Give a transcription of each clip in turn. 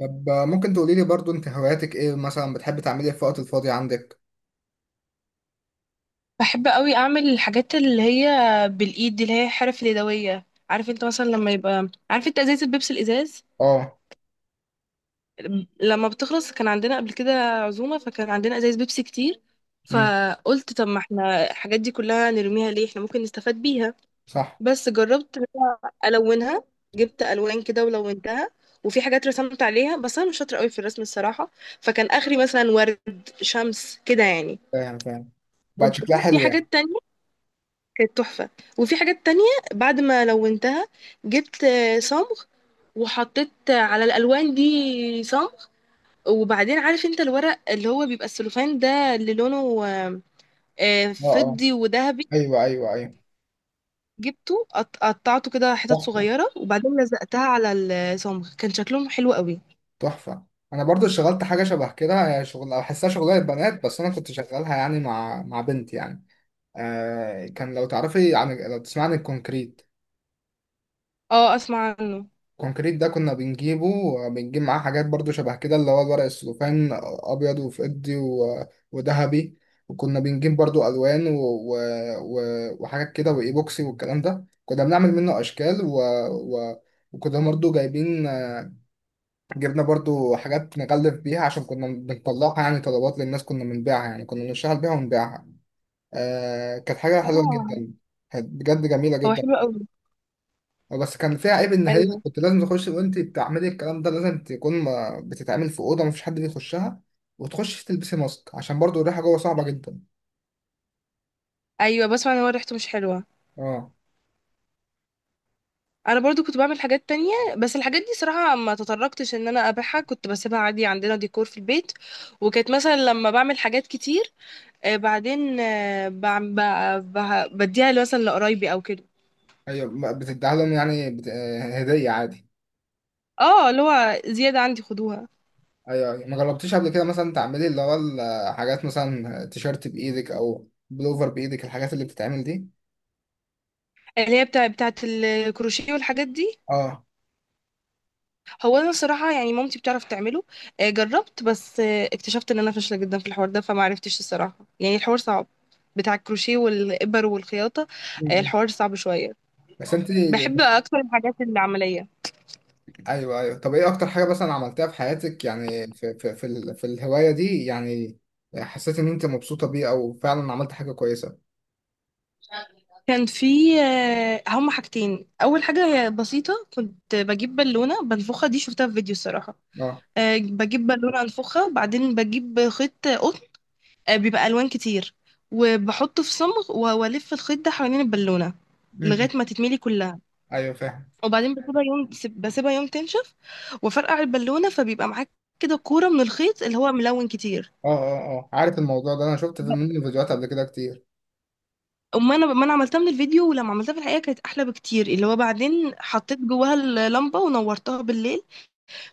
طب ممكن تقولي لي برضو انت هواياتك ايه مثلا، بتحب تعملي ايه في الوقت الفاضي عندك. بحب قوي اعمل الحاجات اللي هي بالايد، دي اللي هي حرف اليدويه. عارف انت مثلا لما يبقى عارف انت ازازه البيبسي، الازاز اه. لما بتخلص؟ كان عندنا قبل كده عزومه فكان عندنا ازايز بيبسي كتير، امم. فقلت طب ما احنا الحاجات دي كلها نرميها ليه، احنا ممكن نستفاد بيها. صح. بس جربت إن أنا الونها، جبت الوان كده ولونتها، وفي حاجات رسمت عليها بس انا مش شاطره قوي في الرسم الصراحه. فكان اخري مثلا ورد، شمس كده يعني. فاهم فاهم. بقى شكلها وبعدين في حلو يعني. حاجات تانية كانت تحفة. وفي حاجات تانية بعد ما لونتها جبت صمغ، وحطيت على الألوان دي صمغ. وبعدين عارف انت الورق اللي هو بيبقى السلوفان ده، اللي لونه اه اه. فضي وذهبي، ايوه ايوه ايوه. جبته قطعته كده حتت تحفه. صغيرة وبعدين لزقتها على الصمغ. كان شكلهم حلو قوي. تحفه. انا برضو اشتغلت حاجه شبه كده، هي شغل بحسها شغلانه بنات، بس انا كنت شغالها يعني مع بنت يعني. كان لو تعرفي عن لو تسمعني، الكونكريت. اه، اسمع عنه. كونكريت ده كنا بنجيبه، بنجيب معاه حاجات برضو شبه كده، اللي هو الورق السلوفان، ابيض وفضي و- وذهبي. وكنا بنجيب برضو الوان وحاجات كده وايبوكسي والكلام ده، كنا بنعمل منه اشكال و... و... وكنا برضو جايبين جبنا برضو حاجات نغلف بيها، عشان كنا بنطلعها يعني طلبات للناس، كنا بنبيعها يعني، كنا بنشتغل بيها ونبيعها. كانت حاجة حلوة اه جدا. كانت بجد جميلة هو جدا. حلو قوي. بس كان فيها عيب، ان هي ايوه، كنت لازم تخش وانت بتعملي الكلام ده، لازم تكون بتتعمل في اوضه مفيش حد بيخشها، وتخش تلبسي ماسك عشان برضو الريحه جوه صعبه جدا. ايوه بسمع ان هو ريحته مش حلوة. اه. انا برضو كنت بعمل حاجات تانية بس الحاجات دي صراحة ما تطرقتش ان انا ابيعها، كنت بسيبها عادي عندنا ديكور في البيت. وكانت مثلا لما بعمل حاجات كتير بعدين بديها مثلا لقرايبي او كده. ايوه ما بتديها لهم يعني بت... آه، هديه عادي. اه اللي هو زيادة عندي خدوها. ايوه ايوه، ما جربتيش قبل كده مثلا تعملي اللي هو الحاجات، مثلا تيشيرت بايدك او بلوفر بايدك، الحاجات اللي بتتعمل دي. اللي هي بتاعت الكروشيه والحاجات دي. اه. هو انا الصراحة يعني مامتي بتعرف تعمله. جربت بس اكتشفت ان انا فاشلة جدا في الحوار ده، فما عرفتش الصراحة يعني الحوار صعب، بتاع الكروشيه والإبر والخياطة. م- م. الحوار صعب شوية. بس انت. بحب اكتر الحاجات العمليه. ايوه ايوه. طب ايه اكتر حاجه مثلا عملتها في حياتك، يعني في في الهوايه دي يعني، حسيت ان انت مبسوطه بيه او فعلا عملت حاجه كويسه. كان في هما حاجتين. اول حاجه هي بسيطه، كنت بجيب بالونه بنفخها، دي شفتها في فيديو الصراحه. اه. بجيب بالونه انفخها وبعدين بجيب خيط قطن، بيبقى الوان كتير، وبحطه في صمغ والف الخيط ده حوالين البالونه م. لغايه ما تتملي كلها. ايوه فاهم. وبعدين بسيبها يوم، بسيبها يوم تنشف، وفرقع البالونه فبيبقى معاك كده كوره من الخيط اللي هو ملون كتير. اه اه اه، عارف الموضوع ده، انا شفت في منه فيديوهات قبل كده كتير. أما أنا ما أنا عملتها من الفيديو، ولما عملتها في الحقيقة كانت أحلى بكتير، اللي هو بعدين حطيت جواها اللمبة ونورتها بالليل.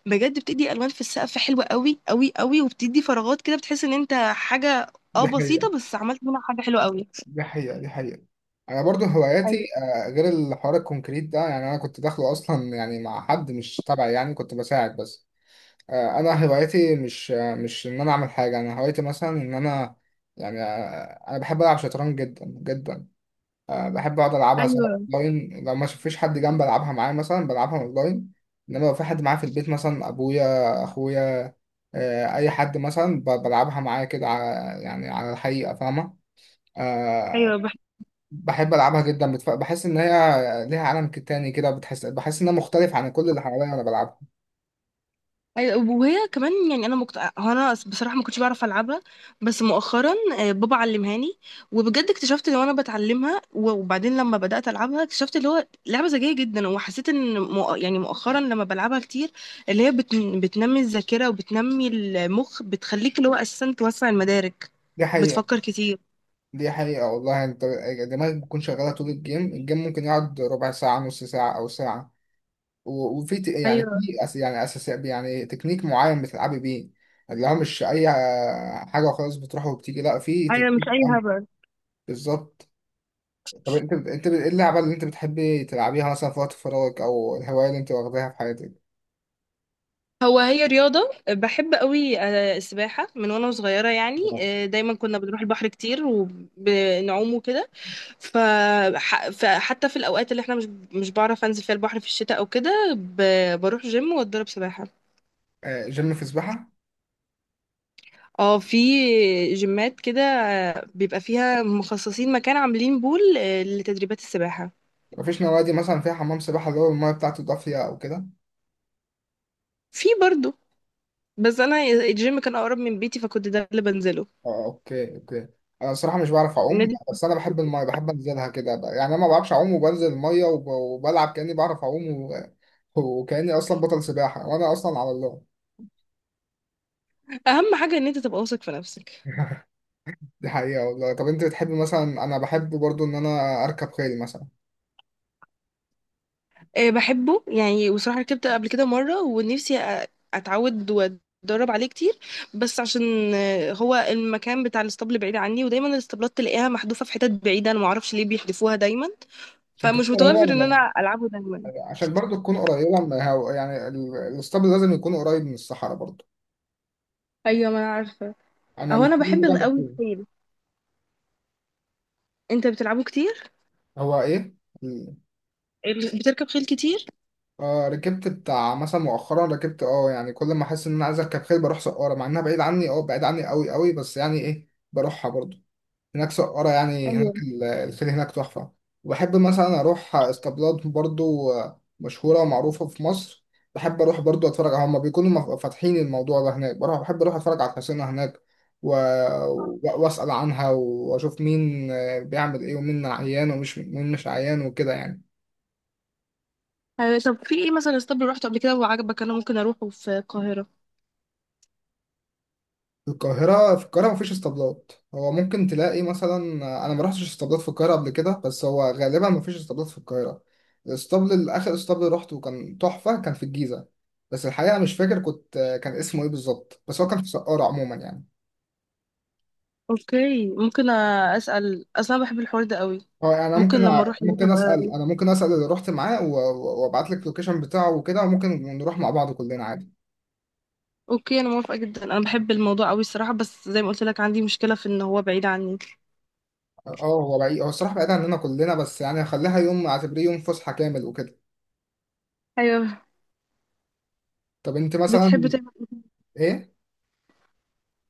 بجد بتدي ألوان في السقف حلوة قوي قوي قوي، وبتدي فراغات كده، بتحس إن أنت حاجة اه دي حقيقة. بسيطة بس عملت منها حاجة حلوة قوي. دي حقيقة. دي حقيقة. انا برضو هواياتي، ايوه، غير الحوار الكونكريت ده يعني، انا كنت داخله اصلا يعني مع حد مش تبعي يعني، كنت بساعد بس. انا هوايتي مش، مش ان انا اعمل حاجه، انا هوايتي مثلا ان انا، يعني انا بحب العب شطرنج جدا جدا. بحب اقعد العبها سواء ايوه، اونلاين، لو ما فيش حد جنبي العبها معاه، مثلا بلعبها اونلاين. انما لو في حد معايا في البيت، مثلا ابويا، اخويا، اي حد، مثلا بلعبها معاه كده على- يعني على الحقيقه، فاهمه. أه. ايوه. بحب العبها جدا، بحس ان هي ليها عالم تاني كده، بحس انها مختلف عن كل اللي حواليا وانا بلعبها. أيوة، وهي كمان يعني انا هو انا بصراحه ما كنتش بعرف العبها، بس مؤخرا بابا علمهاني، وبجد اكتشفت ان انا بتعلمها وبعدين لما بدات العبها اكتشفت اللي هو لعبه ذكيه جدا. وحسيت ان يعني مؤخرا لما بلعبها كتير، اللي هي بتنمي الذاكره وبتنمي المخ، بتخليك اللي هو اساسا توسع المدارك، دي حقيقه. بتفكر كتير. دي حقيقة والله. انت دماغك بتكون شغالة طول الجيم ممكن يقعد ربع ساعة، نص ساعة، أو ساعة. و- وفي يعني ايوه، في يعني أساس، يعني تكنيك معين بتلعبي بيه، اللي هو مش أي حاجة وخلاص بتروح وبتيجي، لا، في ايوه مش تكنيك اي معين. هبل. بالظبط. طب ايه اللعبة اللي انت بتحبي تلعبيها مثلا في وقت فراغك، أو الهواية اللي انت واخداها في حياتك؟ هو هي رياضة بحب قوي السباحة من وانا صغيرة يعني، دايما كنا بنروح البحر كتير وبنعوم وكده. ف- فحتى في الأوقات اللي احنا مش بعرف انزل فيها البحر في الشتاء او كده، بروح جيم واتدرب سباحة. جيم في سباحة؟ اه، في جيمات كده بيبقى فيها مخصصين مكان عاملين بول لتدريبات السباحة. مفيش نوادي مثلا فيها حمام سباحة اللي هو المية بتاعته دافية أو كده؟ في برضو، بس انا الجيم كان اقرب من بيتي فكنت ده اللي بنزله اه اوكي اوكي. انا الصراحه مش بعرف اعوم، النادي. بس انا بحب الميه، بحب انزلها كده بقى. يعني انا ما بعرفش اعوم، وبنزل الميه وبلعب كاني بعرف اعوم وكاني اصلا بطل سباحه، وانا اصلا على الله. اهم حاجة ان انت تبقى واثق في نفسك. دي حقيقه والله. طب انت بتحب مثلا، انا بحب برضو ان انا اركب خيل مثلا. بحبه يعني، وصراحة ركبت قبل كده مرة ونفسي أ- أتعود وأتدرب عليه كتير، بس عشان هو المكان بتاع الاسطبل بعيد عني، ودايما الاسطبلات تلاقيها محذوفة في حتت بعيدة، أنا معرفش ليه بيحذفوها دايما، عشان فمش تكون متوفر إن قريبه أنا ألعبه دايما. عشان برضو تكون قريبه، يعني الاسطبل لازم يكون قريب من الصحراء برضو. أيوة ما أنا عارفة. انا أهو أنا الاسطبل بحب اللي جنب قوي الخيل. الخيل. أنت بتلعبه كتير؟ هو ايه. بتركب خيل كتير؟ ركبت بتاع مثلا مؤخرا ركبت، يعني كل ما احس ان انا عايز اركب خيل بروح سقارة، مع انها بعيد عني، بعيد عني قوي قوي، بس يعني ايه بروحها برضو. هناك سقارة، يعني ايوه. هناك الخيل هناك تحفة. وبحب مثلا اروح اسطبلات برضو مشهورة ومعروفة في مصر. بحب اروح برضو اتفرج على، هما بيكونوا فاتحين الموضوع ده هناك بروح بحب اروح اتفرج على الحصينة هناك و... و- واسأل عنها واشوف مين بيعمل ايه، ومين عيان ومش مين مش عيان وكده يعني. طب في ايه مثلا اسطبل رحته قبل كده وعجبك انا ممكن اروحه في القاهرة؟ في القاهرة، في القاهرة مفيش اسطبلات. هو ممكن تلاقي مثلا، أنا ما رحتش اسطبلات في القاهرة قبل كده، بس هو غالبا مفيش اسطبلات في القاهرة. الاسطبل الآخر، اسطبل روحته كان تحفة، كان في الجيزة، بس الحقيقة مش فاكر كان اسمه إيه بالظبط، بس هو كان في سقارة عموما يعني. اوكي، ممكن اسال، اصلا بحب الحوار ده قوي. هو يعني أنا ممكن لما اروح هناك ابقى. ممكن أسأل اللي رحت معاه و- وأبعت لك اللوكيشن بتاعه وكده، وممكن نروح مع بعض كلنا عادي. اوكي انا موافقه جدا، انا بحب الموضوع قوي الصراحه، بس زي ما قلت لك عندي مشكله في ان هو بعيد عني. اه هو بعيد، هو الصراحة بعيد عننا كلنا، بس يعني هخليها يوم، أعتبريه يوم فسحة كامل وكده. ايوه. طب أنت بتحب مثلا. تعمل، إيه؟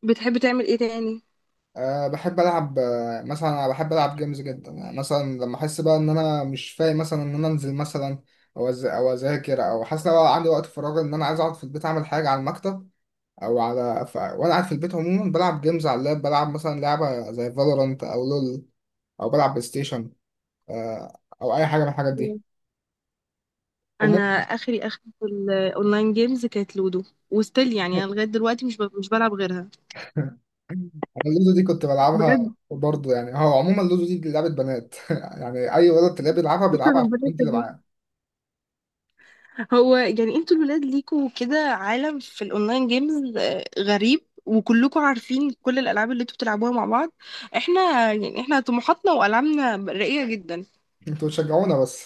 بتحب تعمل ايه تاني؟ بحب ألعب جيمز جدا، يعني مثلا لما أحس بقى إن أنا مش فايق، مثلا إن أنا أنزل مثلا أو أو أذاكر، أو حاسس لو عندي وقت فراغ إن أنا عايز أقعد في البيت، أعمل حاجة على المكتب وأنا قاعد في البيت عموما بلعب جيمز على اللاب، بلعب مثلا لعبة زي فالورانت أو لول، أو بلعب بلاي ستيشن. أه، أو أي حاجة من الحاجات مم. دي. انا وممكن. اخري اخري في الاونلاين جيمز كانت لودو، وستيل يعني انا لغايه دلوقتي مش بلعب غيرها. أنا اللودو دي كنت بلعبها. بجد برضه يعني هو عموما اللودو دي لعبة بنات. يعني أي ولد تلاقيه بيلعبها شكرا بيلعبها عشان ربنا البنت اللي يخليك. معاه. هو يعني انتوا الولاد ليكوا كده عالم في الاونلاين جيمز غريب، وكلكم عارفين كل الالعاب اللي انتوا بتلعبوها مع بعض. احنا يعني احنا طموحاتنا والعابنا راقيه جدا. أنتوا بتشجعونا بس.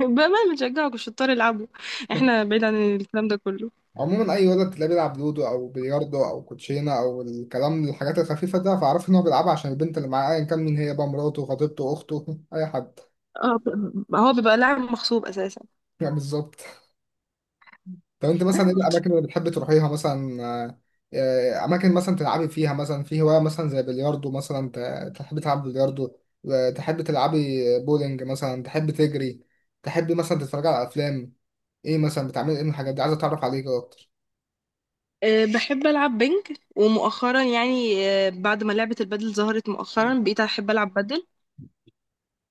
بأمانة بنشجعه الشطار يلعبوا، احنا بعيد عن الكلام ده كله. عموما اي ولد تلاقيه بيلعب لودو او بلياردو او كوتشينه او الكلام، الحاجات الخفيفه ده، فاعرف ان هو بيلعبها عشان البنت اللي معاه، ايا كان مين هي، بقى مراته، خطيبته، اخته، اي حد. اه هو بيبقى لاعب مغصوب اساسا. يعني بالظبط. طب انت مثلا ايه الاماكن اللي بتحب تروحيها مثلا، اماكن مثلا تلعبي فيها، مثلا في هوايه مثلا زي بلياردو، مثلا تحبي تلعبي بلياردو، تحبي تلعبي بولينج، مثلا تحبي تجري، تحبي مثلا تتفرجي على افلام. ايه مثلا بتعملي ايه من الحاجات دي، عايز اتعرف عليك اكتر. أه بحب العب بنج، ومؤخرا يعني أه بعد ما لعبة البادل ظهرت مؤخرا بقيت احب العب بادل.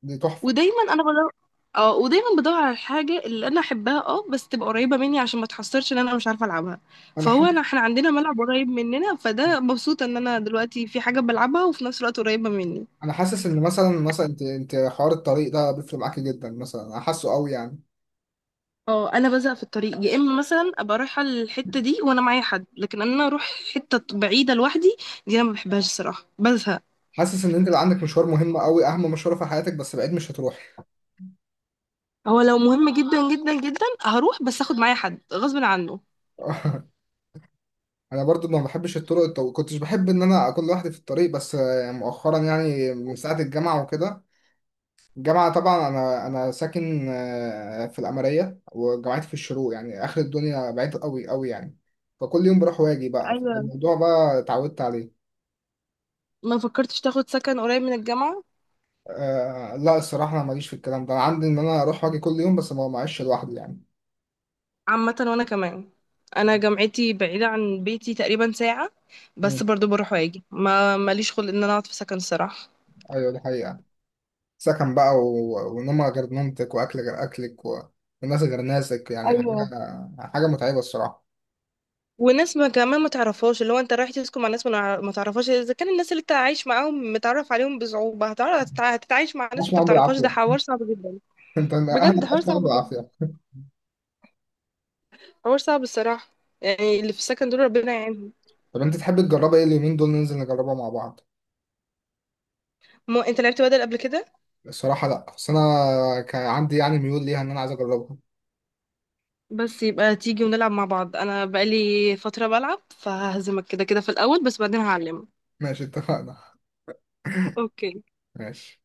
دي تحفه. ودايما انا بدور، اه ودايما بدور على الحاجة اللي انا احبها اه، بس تبقى قريبة مني عشان ما تحصرش ان انا مش عارفة العبها. انا فهو حاسس انا احنا عندنا ملعب قريب مننا، فده مبسوطة ان انا دلوقتي في حاجة بلعبها وفي نفس الوقت قريبة مني. انا حاسس ان مثلا انت حوار الطريق ده بيفرق معاكي جدا مثلا، انا حاسه قوي يعني. اه انا بزهق في الطريق، يا اما مثلا ابقى رايحه الحته دي وانا معايا حد، لكن انا اروح حته بعيده لوحدي دي انا ما بحبهاش الصراحه، بزهق. حاسس ان انت اللي عندك مشوار مهم قوي، اهم مشوار في حياتك، بس بعيد مش هتروحي. هو لو مهم جدا جدا جدا هروح بس اخد معايا حد غصب عنه. انا برضو ما بحبش الطرق، كنتش بحب ان انا اكون لوحدي في الطريق، بس مؤخرا، يعني من ساعه الجامعه وكده، الجامعه طبعا انا ساكن في القمريه، وجامعتي في الشروق، يعني اخر الدنيا، بعيد قوي قوي يعني، فكل يوم بروح واجي بقى، ايوه. فالموضوع بقى اتعودت عليه. ما فكرتش تاخد سكن قريب من الجامعه؟ لا الصراحة أنا ماليش في الكلام ده، أنا عندي إن أنا أروح وأجي كل يوم بس ما معيش لوحدي يعني. عامه وانا كمان، انا جامعتي بعيده عن بيتي تقريبا ساعه، مم. بس برضو بروح واجي، ما ماليش خلق ان انا اقعد في سكن الصراحه. أيوة دي حقيقة. سكن بقى ونومة غير نومتك، وأكل غير أكلك وناس غير ناسك، يعني حاجة ايوه. حاجة متعبة الصراحة. وناس ما كمان ما تعرفهاش، اللي هو انت رايح تسكن مع ناس ما ما تعرفهاش، اذا كان الناس اللي انت عايش معاهم متعرف عليهم بصعوبة، هتعرف هتتعايش مع ناس عاش انت ما معاهم تعرفهاش؟ ده بالعافية. حوار صعب جدا. أنت بجد أهلك حوار عاش صعب معاهم جدا، بالعافية. حوار صعب الصراحة. يعني اللي في السكن دول ربنا يعينهم. طب أنت تحب تجربها، إيه اليومين دول ننزل نجربها مع بعض. مو انت لعبت بدل قبل كده؟ الصراحة لا، بس أنا كان عندي يعني ميول ليها إن أنا عايز أجربها. بس يبقى تيجي ونلعب مع بعض، انا بقالي فترة بلعب فههزمك كده كده في الاول بس بعدين هعلمك. ماشي اتفقنا. اوكي. ماشي.